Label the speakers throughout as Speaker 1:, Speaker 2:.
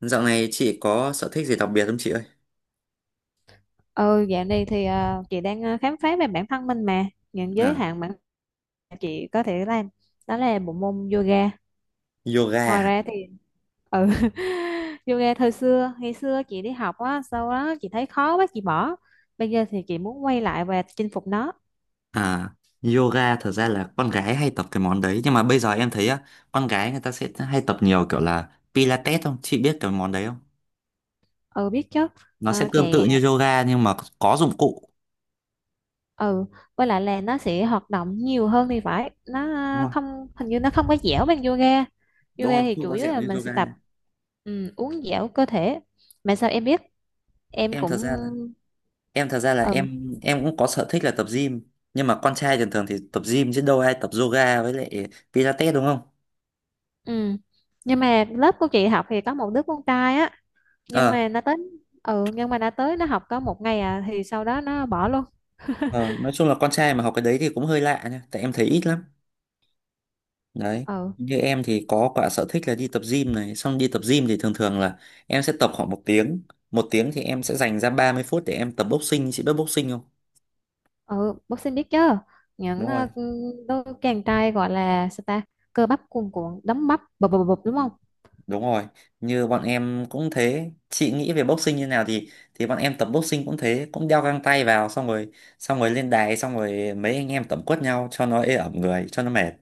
Speaker 1: Dạo này chị có sở thích gì đặc biệt không chị ơi?
Speaker 2: Ừ, dạo này thì chị đang khám phá về bản thân mình, mà những giới
Speaker 1: À,
Speaker 2: hạn bản thân chị có thể làm đó là bộ môn yoga.
Speaker 1: yoga.
Speaker 2: Ngoài
Speaker 1: À?
Speaker 2: ra thì ừ yoga thời xưa, ngày xưa chị đi học á, sau đó chị thấy khó quá chị bỏ. Bây giờ thì chị muốn quay lại và chinh phục nó.
Speaker 1: À, yoga thật ra là con gái hay tập cái món đấy nhưng mà bây giờ em thấy á, con gái người ta sẽ hay tập nhiều kiểu là Pilates không? Chị biết cái món đấy không?
Speaker 2: Ừ, biết chứ.
Speaker 1: Nó sẽ
Speaker 2: Ờ,
Speaker 1: tương tự
Speaker 2: chạy à,
Speaker 1: như yoga nhưng mà có dụng cụ.
Speaker 2: ừ, với lại là nó sẽ hoạt động nhiều hơn thì phải. Nó
Speaker 1: Đúng rồi.
Speaker 2: không, hình như nó không có dẻo bằng yoga.
Speaker 1: Đúng
Speaker 2: Yoga
Speaker 1: rồi,
Speaker 2: thì
Speaker 1: không
Speaker 2: chủ
Speaker 1: có
Speaker 2: yếu
Speaker 1: dẻo
Speaker 2: là
Speaker 1: như
Speaker 2: mình sẽ tập
Speaker 1: yoga.
Speaker 2: uốn dẻo cơ thể. Mà sao em biết? Em
Speaker 1: Em thật
Speaker 2: cũng,
Speaker 1: ra là em thật ra là
Speaker 2: ừ.
Speaker 1: em cũng có sở thích là tập gym, nhưng mà con trai thường thường thì tập gym chứ đâu ai tập yoga với lại Pilates đúng không?
Speaker 2: Ừ, nhưng mà lớp của chị học thì có một đứa con trai á, nhưng
Speaker 1: Ờ,
Speaker 2: mà nó tới. Ừ, nhưng mà nó tới nó học có một ngày à, thì sau đó nó bỏ luôn.
Speaker 1: ờ, nói chung là con trai mà học cái đấy thì cũng hơi lạ nha, tại em thấy ít lắm. Đấy,
Speaker 2: Ừ.
Speaker 1: như em thì có cả sở thích là đi tập gym này, xong đi tập gym thì thường thường là em sẽ tập khoảng 1 tiếng. Một tiếng thì em sẽ dành ra 30 phút để em tập boxing, chị biết boxing không?
Speaker 2: ừ bác sĩ biết chứ. Những
Speaker 1: Đúng rồi.
Speaker 2: đôi chàng trai gọi là sao ta, cơ bắp cuồn cuộn, đấm bắp bập bập bập,
Speaker 1: Ừ.
Speaker 2: đúng không?
Speaker 1: Đúng rồi, như bọn em cũng thế, chị nghĩ về boxing như nào thì bọn em tập boxing cũng thế, cũng đeo găng tay vào xong rồi, xong rồi lên đài xong rồi mấy anh em tẩm quất nhau cho nó ê ẩm người cho nó mệt.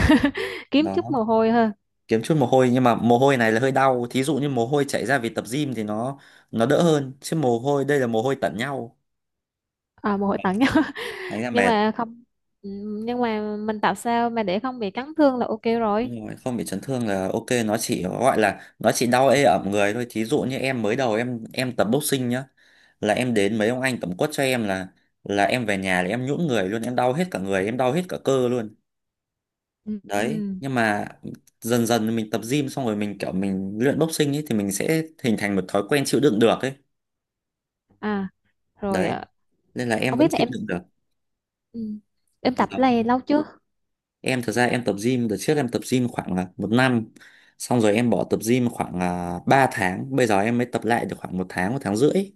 Speaker 2: Kiếm chút
Speaker 1: Đó,
Speaker 2: mồ hôi thôi.
Speaker 1: kiếm chút mồ hôi nhưng mà mồ hôi này là hơi đau, thí dụ như mồ hôi chảy ra vì tập gym thì nó đỡ hơn, chứ mồ hôi đây là mồ hôi tẩn nhau,
Speaker 2: À, mồ hôi tặng nhau.
Speaker 1: đánh là
Speaker 2: Nhưng
Speaker 1: mệt.
Speaker 2: mà không, ừ, nhưng mà mình tạo sao mà để không bị cắn thương là ok rồi.
Speaker 1: Đúng rồi, không bị chấn thương là ok, nó chỉ gọi là nó chỉ đau ê ẩm người thôi. Thí dụ như em mới đầu em tập boxing nhá, là em đến mấy ông anh tẩm quất cho em, là em về nhà là em nhũn người luôn, em đau hết cả người, em đau hết cả cơ luôn.
Speaker 2: Ừ. Ừ.
Speaker 1: Đấy, nhưng mà dần dần mình tập gym xong rồi mình kiểu mình luyện boxing ấy thì mình sẽ hình thành một thói quen chịu đựng được ấy.
Speaker 2: À, rồi
Speaker 1: Đấy,
Speaker 2: à,
Speaker 1: nên là em
Speaker 2: không
Speaker 1: vẫn
Speaker 2: biết là
Speaker 1: chịu
Speaker 2: em,
Speaker 1: đựng được.
Speaker 2: ừ, em tập cái này
Speaker 1: Vâng.
Speaker 2: lâu chưa?
Speaker 1: Em thật ra em tập gym đợt trước em tập gym khoảng là 1 năm, xong rồi em bỏ tập gym khoảng là 3 tháng, bây giờ em mới tập lại được khoảng 1 tháng 1 tháng rưỡi.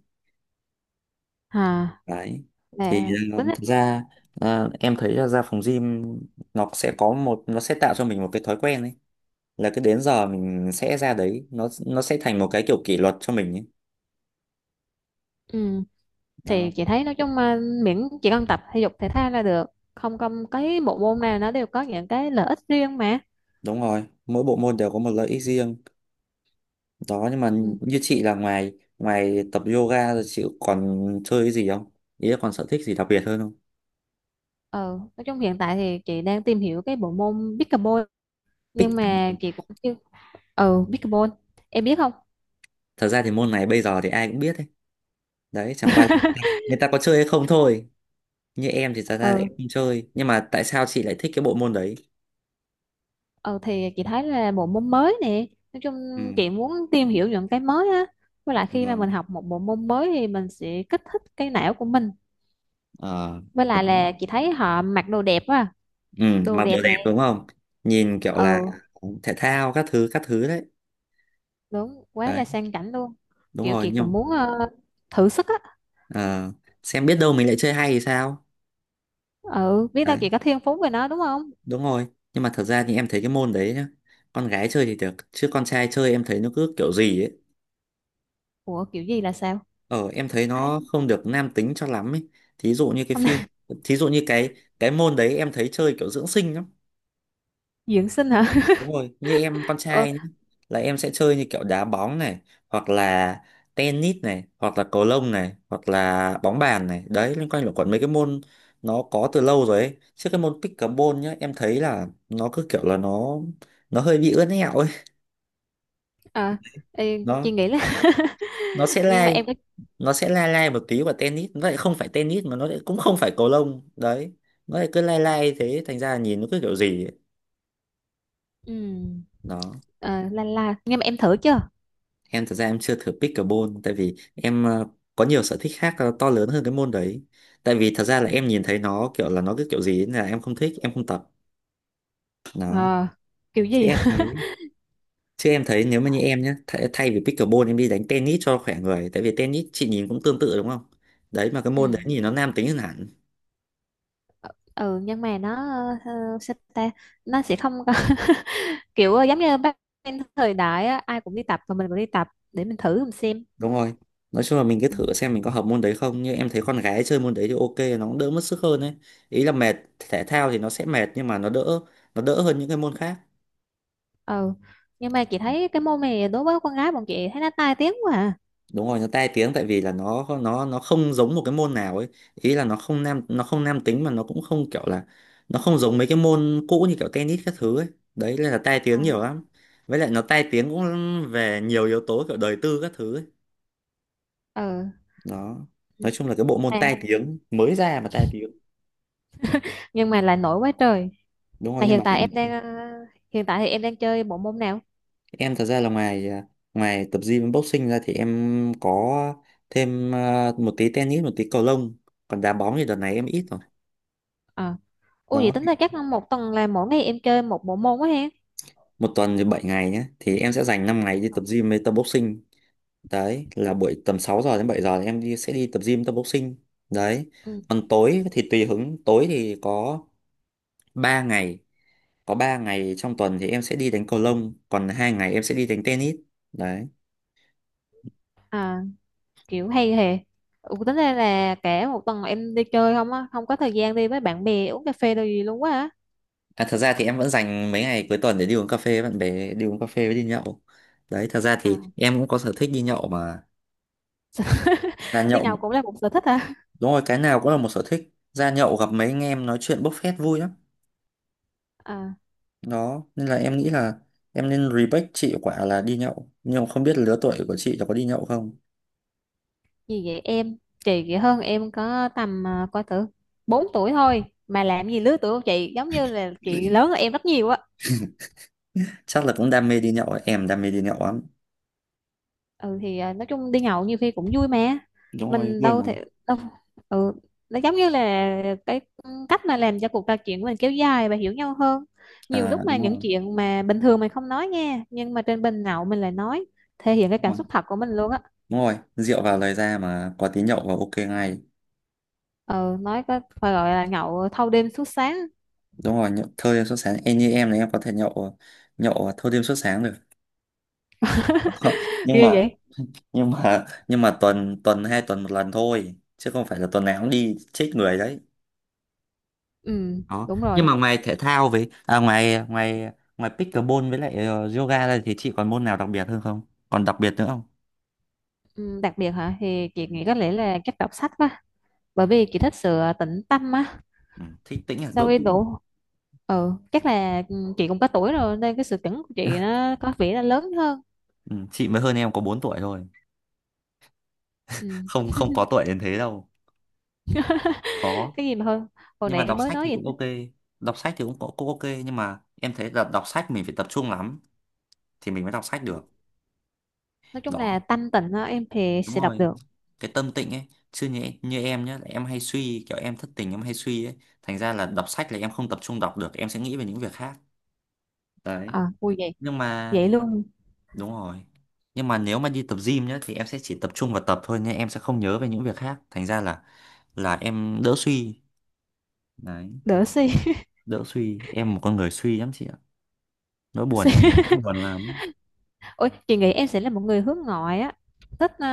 Speaker 2: À,
Speaker 1: Đấy, thì
Speaker 2: là tính á,
Speaker 1: thật ra em thấy là ra phòng gym nó sẽ tạo cho mình một cái thói quen ấy, là cứ đến giờ mình sẽ ra đấy, nó sẽ thành một cái kiểu kỷ luật cho mình ấy.
Speaker 2: ừ, thì
Speaker 1: Đó,
Speaker 2: chị thấy nói chung mà miễn chị cần tập thể dục thể thao là được. Không, không cái bộ môn nào nó đều có những cái lợi ích riêng mà.
Speaker 1: đúng rồi, mỗi bộ môn đều có một lợi ích riêng. Đó, nhưng mà
Speaker 2: Ừ.
Speaker 1: như chị là ngoài ngoài tập yoga rồi chị còn chơi cái gì không, ý là còn sở thích gì đặc biệt hơn không?
Speaker 2: ờ nói chung hiện tại thì chị đang tìm hiểu cái bộ môn pickleball,
Speaker 1: Pick
Speaker 2: nhưng
Speaker 1: cái
Speaker 2: mà
Speaker 1: môn.
Speaker 2: chị cũng chưa, ừ, pickleball em biết không?
Speaker 1: Thật ra thì môn này bây giờ thì ai cũng biết đấy. Đấy, chẳng qua là người ta người ta có chơi hay không thôi. Như em thì thật ra lại
Speaker 2: Ừ.
Speaker 1: không chơi. Nhưng mà tại sao chị lại thích cái bộ môn đấy?
Speaker 2: ừ thì chị thấy là bộ môn mới nè, nói chung
Speaker 1: Ừ.
Speaker 2: chị muốn tìm hiểu những cái mới á, với lại
Speaker 1: Ừ.
Speaker 2: khi mà mình học một bộ môn mới thì mình sẽ kích thích cái não của mình.
Speaker 1: Ờ,
Speaker 2: Với lại
Speaker 1: đấy.
Speaker 2: là chị thấy họ mặc đồ đẹp á,
Speaker 1: Ừ,
Speaker 2: đồ
Speaker 1: mặc đồ
Speaker 2: đẹp
Speaker 1: đẹp
Speaker 2: nè.
Speaker 1: đúng không? Nhìn kiểu là
Speaker 2: Ừ,
Speaker 1: thể thao, các thứ đấy.
Speaker 2: đúng, quá
Speaker 1: Đấy,
Speaker 2: là sang chảnh luôn.
Speaker 1: đúng
Speaker 2: Kiểu
Speaker 1: rồi.
Speaker 2: chị cũng
Speaker 1: Nhưng
Speaker 2: muốn thử sức á.
Speaker 1: ờ, xem biết đâu mình lại chơi hay thì sao?
Speaker 2: Ừ, biết đâu
Speaker 1: Đấy,
Speaker 2: chị có thiên phú về nó đúng không?
Speaker 1: đúng rồi. Nhưng mà thật ra thì em thấy cái môn đấy nhá. Con gái chơi thì được, chứ con trai chơi em thấy nó cứ kiểu gì ấy.
Speaker 2: Ủa, kiểu gì là sao?
Speaker 1: Ờ, em thấy
Speaker 2: Thấy
Speaker 1: nó không được nam tính cho lắm ấy. Thí dụ như cái
Speaker 2: hôm
Speaker 1: phim,
Speaker 2: nay
Speaker 1: thí dụ như cái môn đấy em thấy chơi kiểu dưỡng sinh lắm.
Speaker 2: dưỡng sinh hả?
Speaker 1: Đúng rồi, như em con
Speaker 2: Ừ,
Speaker 1: trai nhá, là em sẽ chơi như kiểu đá bóng này, hoặc là tennis này, hoặc là cầu lông này, hoặc là bóng bàn này. Đấy, liên quan luẩn quẩn mấy cái môn nó có từ lâu rồi ấy. Chứ cái môn pickleball nhá, em thấy là nó cứ kiểu là nó hơi bị ướn ẹo ấy.
Speaker 2: à, ê, chị
Speaker 1: Nó
Speaker 2: nghĩ là
Speaker 1: nó sẽ
Speaker 2: nhưng mà
Speaker 1: lai,
Speaker 2: em có,
Speaker 1: nó sẽ lai lai một tí vào tennis vậy, không phải tennis mà nó lại cũng không phải cầu lông đấy, nó lại cứ lai lai thế thành ra là nhìn nó cứ kiểu gì ấy.
Speaker 2: ừ.
Speaker 1: Đó,
Speaker 2: Ờ, la la, nhưng mà em thử chưa?
Speaker 1: em thật ra em chưa thử pickleball, tại vì em có nhiều sở thích khác to lớn hơn cái môn đấy, tại vì thật ra là
Speaker 2: Ừ.
Speaker 1: em nhìn thấy nó kiểu là nó cứ kiểu gì ấy, nên là em không thích em không tập. Đó,
Speaker 2: Ờ, kiểu
Speaker 1: chứ
Speaker 2: gì
Speaker 1: em thấy chứ em thấy nếu mà như em nhé, thay vì pickleball em đi đánh tennis cho khỏe người, tại vì tennis chị nhìn cũng tương tự đúng không? Đấy, mà cái môn đấy
Speaker 2: ừ,
Speaker 1: nhìn nó nam tính hơn hẳn.
Speaker 2: ừ nhưng mà nó, ờ, sao ta, nó sẽ không có kiểu giống như bác em, thời đại á, ai cũng đi tập và mình cũng đi tập để mình thử mình xem.
Speaker 1: Đúng rồi, nói chung là mình cứ
Speaker 2: Ừ.
Speaker 1: thử xem mình có hợp môn đấy không, nhưng em thấy con gái chơi môn đấy thì ok, nó cũng đỡ mất sức hơn ấy. Ý là mệt, thể thao thì nó sẽ mệt nhưng mà nó đỡ hơn những cái môn khác.
Speaker 2: Ừ, nhưng mà chị thấy cái môn này đối với con gái bọn chị thấy nó tai tiếng quá à.
Speaker 1: Đúng rồi, nó tai tiếng tại vì là nó không giống một cái môn nào ấy, ý là nó không nam tính mà nó cũng không kiểu là nó không giống mấy cái môn cũ như kiểu tennis các thứ ấy. Đấy nên là tai
Speaker 2: Ờ.
Speaker 1: tiếng nhiều lắm. Với lại nó tai tiếng cũng về nhiều yếu tố kiểu đời tư các thứ ấy.
Speaker 2: Ừ.
Speaker 1: Đó,
Speaker 2: Ừ.
Speaker 1: nói chung là cái bộ môn
Speaker 2: À,
Speaker 1: tai tiếng mới ra mà tai tiếng.
Speaker 2: nhưng mà lại nổi quá trời.
Speaker 1: Đúng rồi,
Speaker 2: Mà
Speaker 1: nhưng
Speaker 2: hiện
Speaker 1: mà
Speaker 2: tại em đang hiện tại thì em đang chơi bộ môn nào?
Speaker 1: em thật ra là ngoài tập gym với boxing ra thì em có thêm một tí tennis, một tí cầu lông. Còn đá bóng thì đợt này em ít rồi.
Speaker 2: Ờ. Ủa, vậy
Speaker 1: Đó,
Speaker 2: tính ra chắc một tuần là mỗi ngày em chơi một bộ môn quá ha?
Speaker 1: một tuần thì 7 ngày nhé. Thì em sẽ dành 5 ngày đi tập gym với tập boxing. Đấy, là buổi tầm 6 giờ đến 7 giờ thì em sẽ đi tập gym tập boxing. Đấy.
Speaker 2: Ừ.
Speaker 1: Còn tối thì tùy hứng, tối thì có 3 ngày. Có 3 ngày trong tuần thì em sẽ đi đánh cầu lông, còn 2 ngày em sẽ đi đánh tennis. Đấy.
Speaker 2: À, kiểu hay hề. Ừ, tính ra là cả một tuần em đi chơi không á, không có thời gian đi với bạn bè uống cà phê đâu gì luôn quá á.
Speaker 1: À, thật ra thì em vẫn dành mấy ngày cuối tuần để đi uống cà phê với bạn bè, đi uống cà phê với đi nhậu. Đấy, thật ra
Speaker 2: À.
Speaker 1: thì em cũng có sở thích đi nhậu mà. Ra
Speaker 2: Đi
Speaker 1: nhậu,
Speaker 2: nhậu cũng là một sở thích hả?
Speaker 1: đúng rồi, cái nào cũng là một sở thích. Ra nhậu gặp mấy anh em nói chuyện bốc phét vui lắm.
Speaker 2: À,
Speaker 1: Đó, nên là em nghĩ là em nên respect chị quả là đi nhậu. Nhưng mà không biết lứa tuổi của chị là có đi nhậu không?
Speaker 2: gì vậy em? Chị vậy hơn em có tầm, à, coi thử, 4 tuổi thôi mà, làm gì lứa tuổi của chị giống như là chị lớn hơn em rất nhiều á.
Speaker 1: Chắc là cũng đam mê đi nhậu, ấy. Em đam mê đi nhậu lắm.
Speaker 2: Ừ, thì à, nói chung đi nhậu nhiều khi cũng vui mà.
Speaker 1: Đúng rồi,
Speaker 2: Mình
Speaker 1: vui
Speaker 2: đâu
Speaker 1: mà.
Speaker 2: thể đâu, ừ, nó giống như là cái cách mà làm cho cuộc trò chuyện của mình kéo dài và hiểu nhau hơn. Nhiều lúc
Speaker 1: À,
Speaker 2: mà những chuyện mà bình thường mình không nói nha, nhưng mà trên bình nhậu mình lại nói, thể hiện cái
Speaker 1: đúng
Speaker 2: cảm
Speaker 1: rồi,
Speaker 2: xúc thật của mình luôn á.
Speaker 1: đúng rồi. Rượu vào lời ra mà có tí nhậu vào ok ngay.
Speaker 2: Ừ, nói có phải gọi là nhậu thâu đêm suốt sáng?
Speaker 1: Đúng rồi, nhậu thâu đêm suốt sáng, em như em này em có thể nhậu nhậu thâu đêm suốt sáng được. nhưng
Speaker 2: Ghê
Speaker 1: mà
Speaker 2: vậy.
Speaker 1: nhưng mà tuần tuần, 2 tuần 1 lần thôi chứ không phải là tuần nào cũng đi chết người đấy.
Speaker 2: Ừ,
Speaker 1: Đó,
Speaker 2: đúng
Speaker 1: nhưng
Speaker 2: rồi.
Speaker 1: mà ngoài thể thao với ngoài ngoài ngoài pickleball với lại yoga ra thì chị còn môn nào đặc biệt hơn không, còn đặc biệt nữa không?
Speaker 2: Ừ, đặc biệt hả, thì chị
Speaker 1: Ừ.
Speaker 2: nghĩ có lẽ là chắc đọc sách quá, bởi vì chị thích sự tĩnh tâm á.
Speaker 1: Ừ, thích tĩnh, à,
Speaker 2: Sau
Speaker 1: độ
Speaker 2: khi
Speaker 1: tĩnh.
Speaker 2: đủ, ừ, chắc là, ừ, chị cũng có tuổi rồi nên cái sự chuẩn của chị nó có vẻ là lớn hơn.
Speaker 1: Ừ, chị mới hơn em có 4 tuổi thôi,
Speaker 2: Ừ.
Speaker 1: không không có tuổi đến thế đâu, khó.
Speaker 2: Cái gì mà hơn, hồi
Speaker 1: Nhưng mà
Speaker 2: nãy
Speaker 1: đọc
Speaker 2: em mới
Speaker 1: sách
Speaker 2: nói
Speaker 1: thì
Speaker 2: vậy
Speaker 1: cũng
Speaker 2: ta.
Speaker 1: ok, đọc sách thì cũng cũng cũng ok, nhưng mà em thấy là đọc sách mình phải tập trung lắm thì mình mới đọc sách được.
Speaker 2: Nói chung là
Speaker 1: Đó,
Speaker 2: tâm tình đó, em thì
Speaker 1: đúng
Speaker 2: sẽ đọc
Speaker 1: rồi,
Speaker 2: được.
Speaker 1: cái tâm tịnh ấy, chứ như em nhá, em hay suy, kiểu em thất tình em hay suy ấy thành ra là đọc sách là em không tập trung đọc được, em sẽ nghĩ về những việc khác. Đấy,
Speaker 2: À, vui vậy.
Speaker 1: nhưng mà
Speaker 2: Vậy luôn.
Speaker 1: đúng rồi, nhưng mà nếu mà đi tập gym nhá thì em sẽ chỉ tập trung vào tập thôi, nhưng em sẽ không nhớ về những việc khác, thành ra là em đỡ suy. Đấy,
Speaker 2: Đỡ suy.
Speaker 1: đỡ suy, em một con người suy lắm chị ạ, nỗi buồn
Speaker 2: Suy.
Speaker 1: em nhiều, nỗi buồn lắm.
Speaker 2: Ôi, chị nghĩ em sẽ là một người hướng ngoại á, thích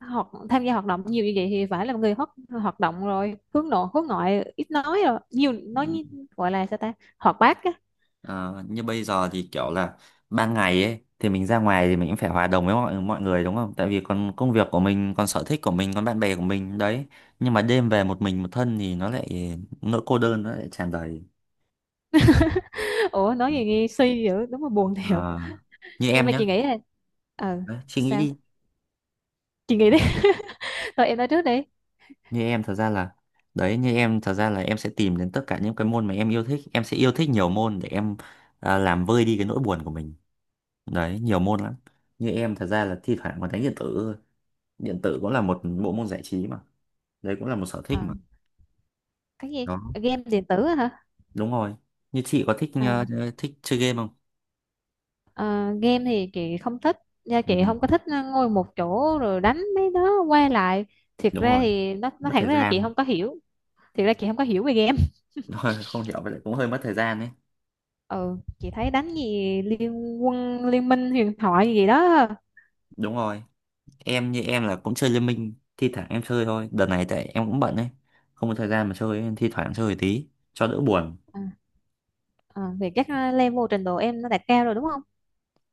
Speaker 2: hoạt tham gia hoạt động nhiều như vậy thì phải là một người hoạt hoạt động rồi, hướng nội hướng ngoại, ít nói rồi nhiều
Speaker 1: Ừ.
Speaker 2: nói như- gọi là sao ta, hoạt bát á.
Speaker 1: Ờ, như bây giờ thì kiểu là ban ngày ấy thì mình ra ngoài thì mình cũng phải hòa đồng với mọi mọi người đúng không? Tại vì còn công việc của mình, còn sở thích của mình, còn bạn bè của mình đấy. Nhưng mà đêm về một mình một thân thì nó lại nỗi cô đơn nó lại tràn đầy.
Speaker 2: Ủa, nói gì nghe suy dữ, đúng là buồn thiệt.
Speaker 1: Ờ, như
Speaker 2: Nhưng
Speaker 1: em
Speaker 2: mà chị
Speaker 1: nhá,
Speaker 2: nghĩ là, ờ,
Speaker 1: đấy, suy nghĩ
Speaker 2: sao,
Speaker 1: đi.
Speaker 2: chị nghĩ đi. Rồi em nói trước đi.
Speaker 1: Như em thật ra là đấy như em thật ra là em sẽ tìm đến tất cả những cái môn mà em yêu thích. Em sẽ yêu thích nhiều môn để em làm vơi đi cái nỗi buồn của mình. Đấy, nhiều môn lắm. Như em thật ra là thi thoảng còn đánh điện tử thôi. Điện tử cũng là một bộ môn giải trí mà, đấy cũng là một sở
Speaker 2: Ờ,
Speaker 1: thích mà.
Speaker 2: cái gì,
Speaker 1: Đó,
Speaker 2: game điện tử á hả?
Speaker 1: đúng rồi, như chị có thích
Speaker 2: À,
Speaker 1: thích chơi game không?
Speaker 2: ờ, game thì chị không thích, nha chị
Speaker 1: Ừ,
Speaker 2: không có thích ngồi một chỗ rồi đánh mấy đó qua lại. Thiệt
Speaker 1: đúng
Speaker 2: ra
Speaker 1: rồi,
Speaker 2: thì nó,
Speaker 1: mất
Speaker 2: thẳng
Speaker 1: thời
Speaker 2: ra chị
Speaker 1: gian.
Speaker 2: không có hiểu, thiệt ra chị không có hiểu về game.
Speaker 1: Đúng rồi, không hiểu vậy cũng hơi mất thời gian đấy.
Speaker 2: Ừ, chị thấy đánh gì liên quân, liên minh huyền thoại gì đó.
Speaker 1: Đúng rồi, em như em là cũng chơi Liên Minh, thi thoảng em chơi thôi, đợt này tại em cũng bận đấy, không có thời gian mà chơi nên thi thoảng chơi tí cho đỡ buồn.
Speaker 2: À. À, thì chắc level trình độ em nó đạt cao rồi đúng không?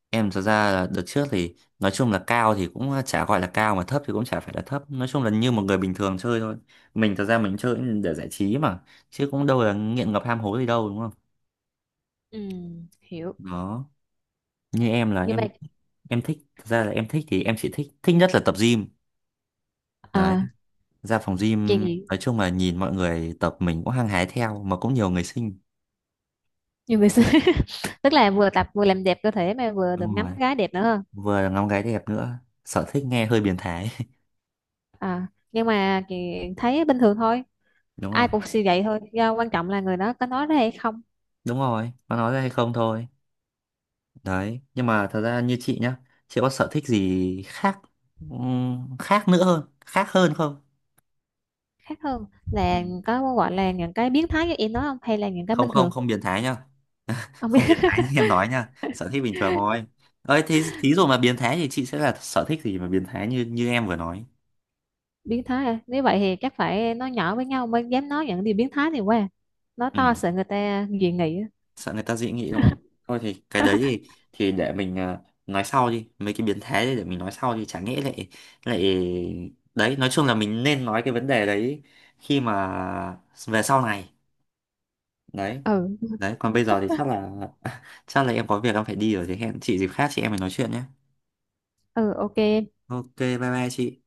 Speaker 1: Em thật ra là đợt trước thì nói chung là cao thì cũng chả gọi là cao mà thấp thì cũng chả phải là thấp, nói chung là như một người bình thường chơi thôi. Mình thật ra mình chơi để giải trí mà, chứ cũng đâu là nghiện ngập ham hố gì đâu đúng không?
Speaker 2: Ừ. Hiểu.
Speaker 1: Đó, như em là
Speaker 2: Nhưng mà,
Speaker 1: em thích, thật ra là em thích thì em chỉ thích thích nhất là tập gym. Đấy,
Speaker 2: à,
Speaker 1: ra phòng
Speaker 2: chị
Speaker 1: gym
Speaker 2: nghĩ
Speaker 1: nói chung là nhìn mọi người tập mình cũng hăng hái theo, mà cũng nhiều người xinh.
Speaker 2: nhiều người xưa tức là vừa tập vừa làm đẹp cơ thể mà vừa được
Speaker 1: Đúng
Speaker 2: ngắm
Speaker 1: rồi,
Speaker 2: gái đẹp nữa hơn.
Speaker 1: vừa là ngắm gái đẹp nữa. Sở thích nghe hơi biến thái.
Speaker 2: À, nhưng mà chị thấy bình thường thôi,
Speaker 1: Đúng
Speaker 2: ai
Speaker 1: rồi,
Speaker 2: cũng suy vậy thôi, do quan trọng là người đó có nói ra hay không.
Speaker 1: đúng rồi, có nói ra hay không thôi. Đấy, nhưng mà thật ra như chị nhá, chị có sở thích gì khác, khác nữa hơn, khác hơn không?
Speaker 2: Khác hơn
Speaker 1: Ừ.
Speaker 2: là có gọi là những cái biến thái như em nói không, hay là những cái
Speaker 1: Không
Speaker 2: bình
Speaker 1: không
Speaker 2: thường?
Speaker 1: không biến thái nhá,
Speaker 2: Không biết.
Speaker 1: không biến thái như em nói nha, sở thích bình thường thôi. Ơi thế thí dụ mà biến thái thì chị sẽ là sở thích gì mà biến thái như như em vừa nói?
Speaker 2: Biến thái à? Nếu vậy thì chắc phải nói nhỏ với nhau mới dám nói những điều biến thái này qua, nói
Speaker 1: Ừ,
Speaker 2: to sợ người ta dị nghị á.
Speaker 1: sợ người ta dị nghị đúng không? Thôi thì cái đấy thì để mình nói sau đi, mấy cái biến thái đấy để mình nói sau đi, chả nghĩ lại lại. Đấy, nói chung là mình nên nói cái vấn đề đấy khi mà về sau này. Đấy.
Speaker 2: Ừ.
Speaker 1: Đấy, còn bây giờ thì chắc là chắc là em có việc em phải đi rồi, thì hẹn chị dịp khác chị em mình nói chuyện nhé.
Speaker 2: Ừ, ok.
Speaker 1: Ok bye bye chị.